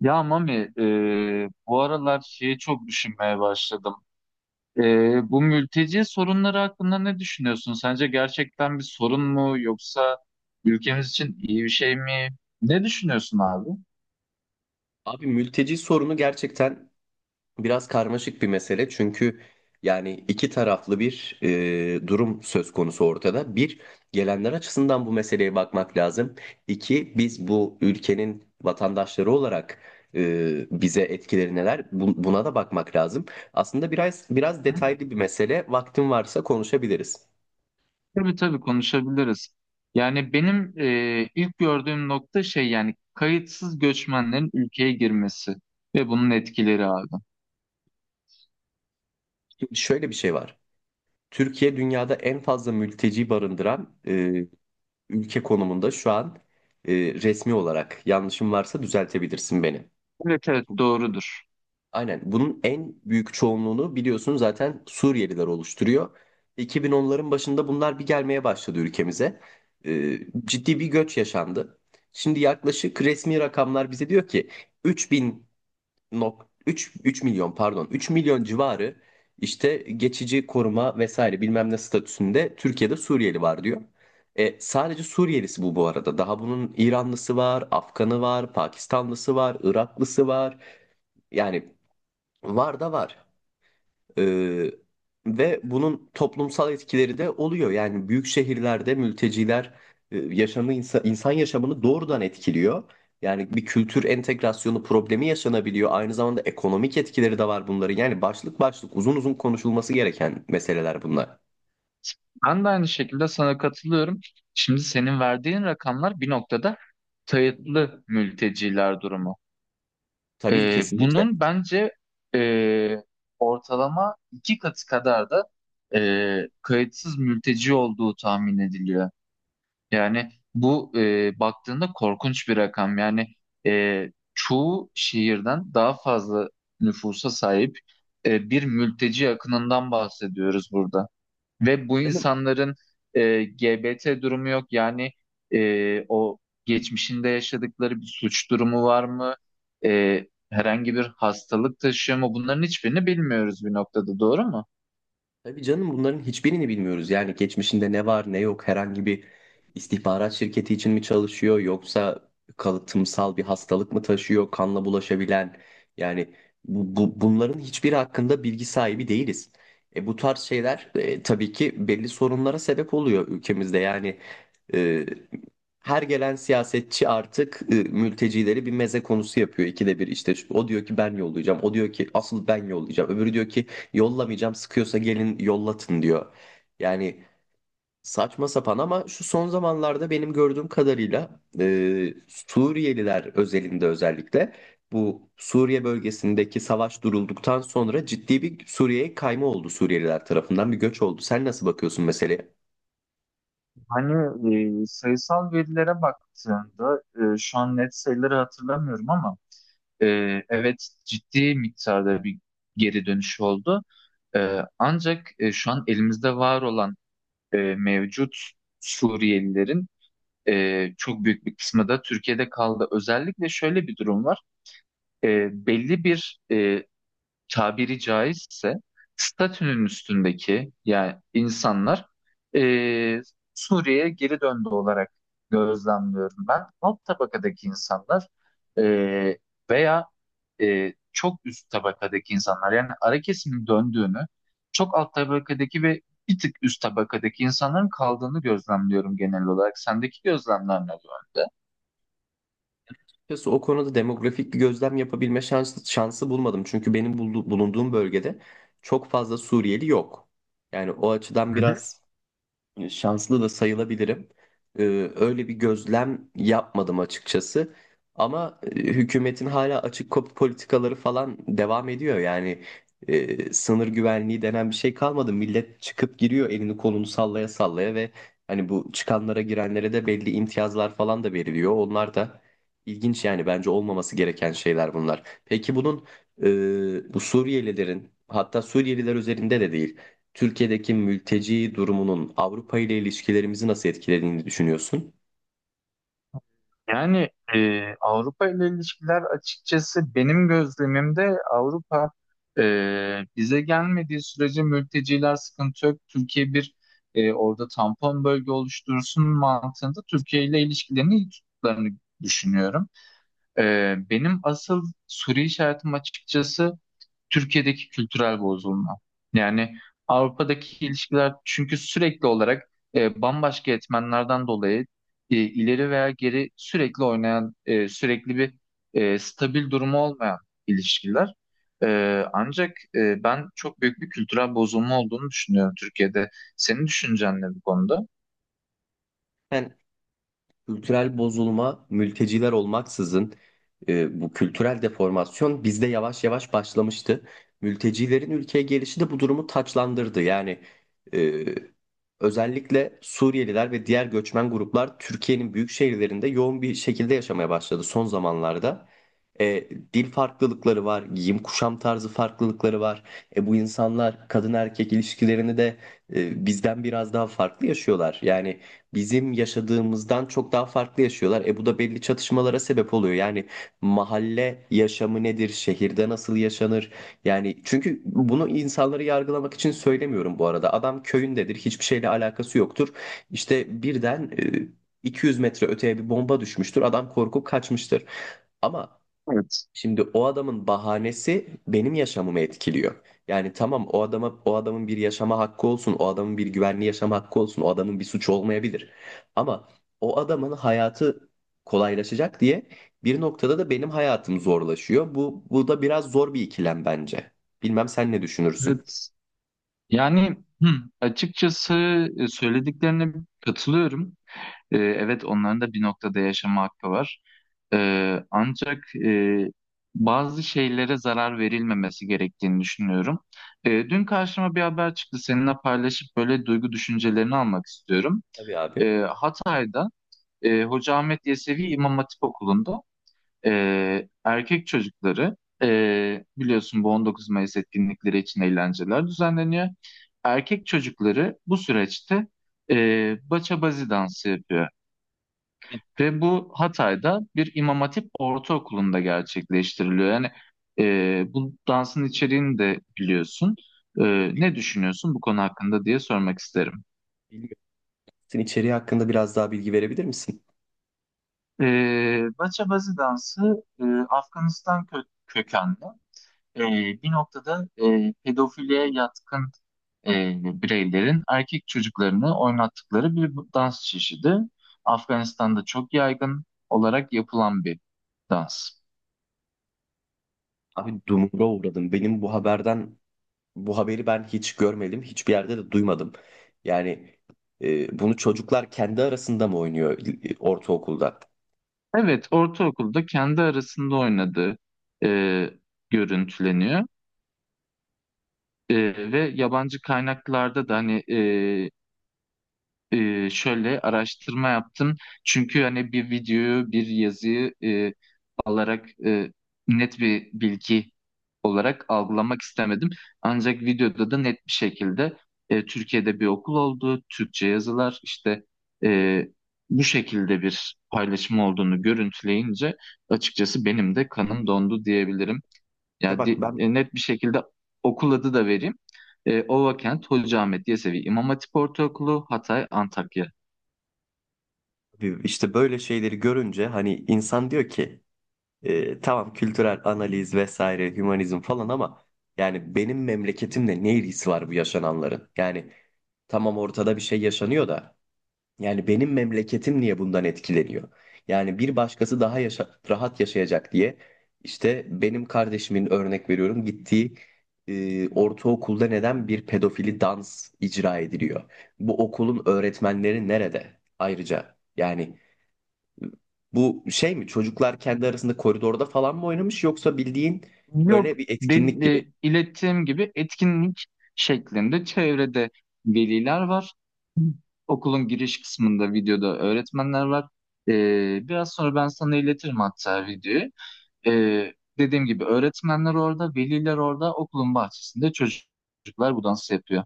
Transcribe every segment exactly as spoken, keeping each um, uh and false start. Ya Mami, e, bu aralar şeyi çok düşünmeye başladım. E, bu mülteci sorunları hakkında ne düşünüyorsun? Sence gerçekten bir sorun mu yoksa ülkemiz için iyi bir şey mi? Ne düşünüyorsun abi? Abi mülteci sorunu gerçekten biraz karmaşık bir mesele. Çünkü yani iki taraflı bir e, durum söz konusu ortada. Bir, gelenler açısından bu meseleye bakmak lazım. İki, biz bu ülkenin vatandaşları olarak e, bize etkileri neler? Bu- buna da bakmak lazım. Aslında biraz biraz Hı? detaylı bir mesele. Vaktin varsa konuşabiliriz. Tabii tabii, konuşabiliriz. Yani benim e, ilk gördüğüm nokta şey, yani kayıtsız göçmenlerin ülkeye girmesi ve bunun etkileri abi. Şimdi şöyle bir şey var. Türkiye dünyada en fazla mülteci barındıran e, ülke konumunda şu an e, resmi olarak yanlışım varsa düzeltebilirsin beni. Evet evet, doğrudur. Aynen. Bunun en büyük çoğunluğunu biliyorsun zaten Suriyeliler oluşturuyor. iki bin onların başında bunlar bir gelmeye başladı ülkemize. Ee, ciddi bir göç yaşandı. Şimdi yaklaşık resmi rakamlar bize diyor ki üç bin nok üç üç milyon pardon üç milyon civarı işte geçici koruma vesaire bilmem ne statüsünde Türkiye'de Suriyeli var diyor. E, sadece Suriyelisi bu, bu arada. Daha bunun İranlısı var, Afganı var, Pakistanlısı var, Iraklısı var. Yani var da var. Ee, ve bunun toplumsal etkileri de oluyor. Yani büyük şehirlerde mülteciler e, yaşamı insan, insan yaşamını doğrudan etkiliyor. Yani bir kültür entegrasyonu problemi yaşanabiliyor. Aynı zamanda ekonomik etkileri de var bunların. Yani başlık başlık uzun uzun konuşulması gereken meseleler bunlar. Ben de aynı şekilde sana katılıyorum. Şimdi senin verdiğin rakamlar bir noktada kayıtlı mülteciler durumu. Tabii Ee, kesinlikle. bunun bence e, ortalama iki katı kadar da e, kayıtsız mülteci olduğu tahmin ediliyor. Yani bu, e, baktığında korkunç bir rakam. Yani e, çoğu şehirden daha fazla nüfusa sahip e, bir mülteci akınından bahsediyoruz burada. Ve bu insanların e, G B T durumu yok. Yani e, o geçmişinde yaşadıkları bir suç durumu var mı? E, herhangi bir hastalık taşıyor mu? Bunların hiçbirini bilmiyoruz bir noktada, doğru mu? Tabii canım bunların hiçbirini bilmiyoruz. Yani geçmişinde ne var ne yok herhangi bir istihbarat şirketi için mi çalışıyor yoksa kalıtımsal bir hastalık mı taşıyor kanla bulaşabilen yani bu, bu- bunların hiçbiri hakkında bilgi sahibi değiliz. E, bu tarz şeyler e, tabii ki belli sorunlara sebep oluyor ülkemizde yani e, her gelen siyasetçi artık e, mültecileri bir meze konusu yapıyor. İkide bir işte şu- o diyor ki ben yollayacağım. O diyor ki asıl ben yollayacağım. Öbürü diyor ki yollamayacağım, sıkıyorsa gelin yollatın diyor. Yani saçma sapan ama şu son zamanlarda benim gördüğüm kadarıyla e, Suriyeliler özelinde, özellikle bu Suriye bölgesindeki savaş durulduktan sonra ciddi bir Suriye'ye kayma oldu, Suriyeliler tarafından bir göç oldu. Sen nasıl bakıyorsun meseleye? Hani e, sayısal verilere baktığında, e, şu an net sayıları hatırlamıyorum ama e, evet, ciddi miktarda bir geri dönüş oldu. E, ancak e, şu an elimizde var olan e, mevcut Suriyelilerin e, çok büyük bir kısmı da Türkiye'de kaldı. Özellikle şöyle bir durum var. E, belli bir e, tabiri caizse statünün üstündeki yani insanlar e, Suriye'ye geri döndü olarak gözlemliyorum ben. Alt tabakadaki insanlar e, veya e, çok üst tabakadaki insanlar, yani ara kesimin döndüğünü, çok alt tabakadaki ve bir tık üst tabakadaki insanların kaldığını gözlemliyorum genel olarak. Sendeki gözlemler ne bu yönde? Açıkçası o konuda demografik bir gözlem yapabilme şansı, şansı bulmadım. Çünkü benim buldu- bulunduğum bölgede çok fazla Suriyeli yok. Yani o açıdan biraz şanslı da sayılabilirim. Ee, öyle bir gözlem yapmadım açıkçası. Ama e, hükümetin hala açık kapı politikaları falan devam ediyor. Yani e, sınır güvenliği denen bir şey kalmadı. Millet çıkıp giriyor elini kolunu sallaya sallaya ve hani bu çıkanlara, girenlere de belli imtiyazlar falan da veriliyor. Onlar da ilginç, yani bence olmaması gereken şeyler bunlar. Peki bunun e, bu Suriyelilerin, hatta Suriyeliler üzerinde de değil, Türkiye'deki mülteci durumunun Avrupa ile ilişkilerimizi nasıl etkilediğini düşünüyorsun? Yani e, Avrupa ile ilişkiler açıkçası, benim gözlemimde Avrupa e, bize gelmediği sürece mülteciler sıkıntı yok. Türkiye bir e, orada tampon bölge oluştursun mantığında Türkiye ile ilişkilerini iyi tuttuklarını düşünüyorum. E, benim asıl soru işaretim açıkçası Türkiye'deki kültürel bozulma. Yani Avrupa'daki ilişkiler, çünkü sürekli olarak e, bambaşka etmenlerden dolayı e, ileri veya geri sürekli oynayan, e, sürekli bir e, stabil durumu olmayan ilişkiler. E, ancak e, ben çok büyük bir kültürel bozulma olduğunu düşünüyorum Türkiye'de. Senin düşüncen ne bu konuda? Ben kültürel bozulma, mülteciler olmaksızın e, bu kültürel deformasyon bizde yavaş yavaş başlamıştı. Mültecilerin ülkeye gelişi de bu durumu taçlandırdı. Yani e, özellikle Suriyeliler ve diğer göçmen gruplar Türkiye'nin büyük şehirlerinde yoğun bir şekilde yaşamaya başladı son zamanlarda. E, dil farklılıkları var, giyim kuşam tarzı farklılıkları var. E, bu insanlar kadın erkek ilişkilerini de e, bizden biraz daha farklı yaşıyorlar. Yani bizim yaşadığımızdan çok daha farklı yaşıyorlar. E bu da belli çatışmalara sebep oluyor. Yani mahalle yaşamı nedir? Şehirde nasıl yaşanır? Yani, çünkü bunu insanları yargılamak için söylemiyorum bu arada. Adam köyündedir, hiçbir şeyle alakası yoktur. İşte birden e, iki yüz metre öteye bir bomba düşmüştür. Adam korkup kaçmıştır. Ama. Evet. Şimdi o adamın bahanesi benim yaşamımı etkiliyor. Yani tamam, o adama, o adamın bir yaşama hakkı olsun, o adamın bir güvenli yaşama hakkı olsun, o adamın bir suçu olmayabilir. Ama o adamın hayatı kolaylaşacak diye bir noktada da benim hayatım zorlaşıyor. Bu bu da biraz zor bir ikilem bence. Bilmem sen ne düşünürsün? Evet. Yani hı, açıkçası e, söylediklerine katılıyorum. E, evet, onların da bir noktada yaşama hakkı var. Ee, ancak e, bazı şeylere zarar verilmemesi gerektiğini düşünüyorum. Ee, dün karşıma bir haber çıktı. Seninle paylaşıp böyle duygu düşüncelerini almak istiyorum. Tabii abi. Ee, Hatay'da e, Hoca Ahmet Yesevi İmam Hatip Okulu'nda e, erkek çocukları, e, biliyorsun, bu on dokuz Mayıs etkinlikleri için eğlenceler düzenleniyor. Erkek çocukları bu süreçte e, baça bazi dansı yapıyor. Ve bu Hatay'da bir İmam Hatip Ortaokulu'nda gerçekleştiriliyor. Yani e, bu dansın içeriğini de biliyorsun. E, ne düşünüyorsun bu konu hakkında diye sormak isterim. Bilmiyorum. Sen içeriği hakkında biraz daha bilgi verebilir misin? E, Bachabazi dansı e, Afganistan kö- kökenli. E, bir noktada e, pedofiliye yatkın e, bireylerin erkek çocuklarını oynattıkları bir dans çeşidi. Afganistan'da çok yaygın olarak yapılan bir dans. Abi dumura uğradım. Benim bu haberden Bu haberi ben hiç görmedim, hiçbir yerde de duymadım. Yani e, bunu çocuklar kendi arasında mı oynuyor e, ortaokulda? Evet, ortaokulda kendi arasında oynadığı e, görüntüleniyor. E, ve yabancı kaynaklarda da hani e, e, şöyle araştırma yaptım. Çünkü hani bir videoyu, bir yazıyı alarak e, net bir bilgi olarak algılamak istemedim. Ancak videoda da net bir şekilde e, Türkiye'de bir okul olduğu, Türkçe yazılar işte e, bu şekilde bir paylaşım olduğunu görüntüleyince açıkçası benim de kanım dondu diyebilirim. De Yani bak di- ben e, net bir şekilde okul adı da vereyim. E, Ovakent Hocaahmet Yesevi İmam Hatip Ortaokulu Hatay Antakya. işte böyle şeyleri görünce hani insan diyor ki e, tamam, kültürel analiz vesaire, hümanizm falan, ama yani benim memleketimle ne ilgisi var bu yaşananların? Yani tamam, ortada bir şey yaşanıyor da. Yani benim memleketim niye bundan etkileniyor? Yani bir başkası daha yaşa- rahat yaşayacak diye, işte benim kardeşimin, örnek veriyorum, gittiği e, ortaokulda neden bir pedofili dans icra ediliyor? Bu okulun öğretmenleri nerede? Ayrıca yani bu şey mi, çocuklar kendi arasında koridorda falan mı oynamış yoksa bildiğin Yok, böyle bir de, etkinlik gibi? e, ilettiğim gibi etkinlik şeklinde çevrede veliler var. Okulun giriş kısmında videoda öğretmenler var. E, biraz sonra ben sana iletirim hatta videoyu. E, dediğim gibi öğretmenler orada, veliler orada, okulun bahçesinde çocuklar bu dansı yapıyor.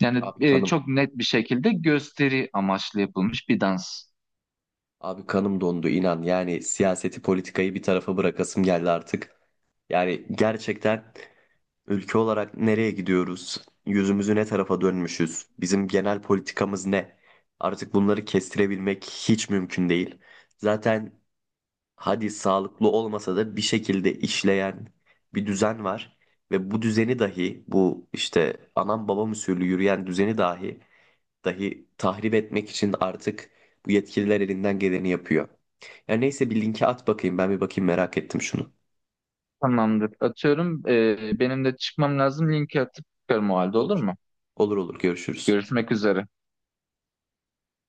Yani Abi e, kanım çok net bir şekilde gösteri amaçlı yapılmış bir dans. Abi kanım dondu inan. Yani siyaseti, politikayı bir tarafa bırakasım geldi artık. Yani gerçekten ülke olarak nereye gidiyoruz? Yüzümüzü ne tarafa dönmüşüz? Bizim genel politikamız ne? Artık bunları kestirebilmek hiç mümkün değil. Zaten, hadi sağlıklı olmasa da bir şekilde işleyen bir düzen var ve bu düzeni dahi, bu işte anam babam usulü yürüyen düzeni dahi dahi tahrip etmek için artık bu yetkililer elinden geleni yapıyor. Ya neyse, bir linki at bakayım, ben bir bakayım, merak ettim şunu. Tamamdır. Atıyorum. E, benim de çıkmam lazım. Linki atıp çıkarım o halde, olur Olur. mu? Olur, olur, görüşürüz. Görüşmek üzere.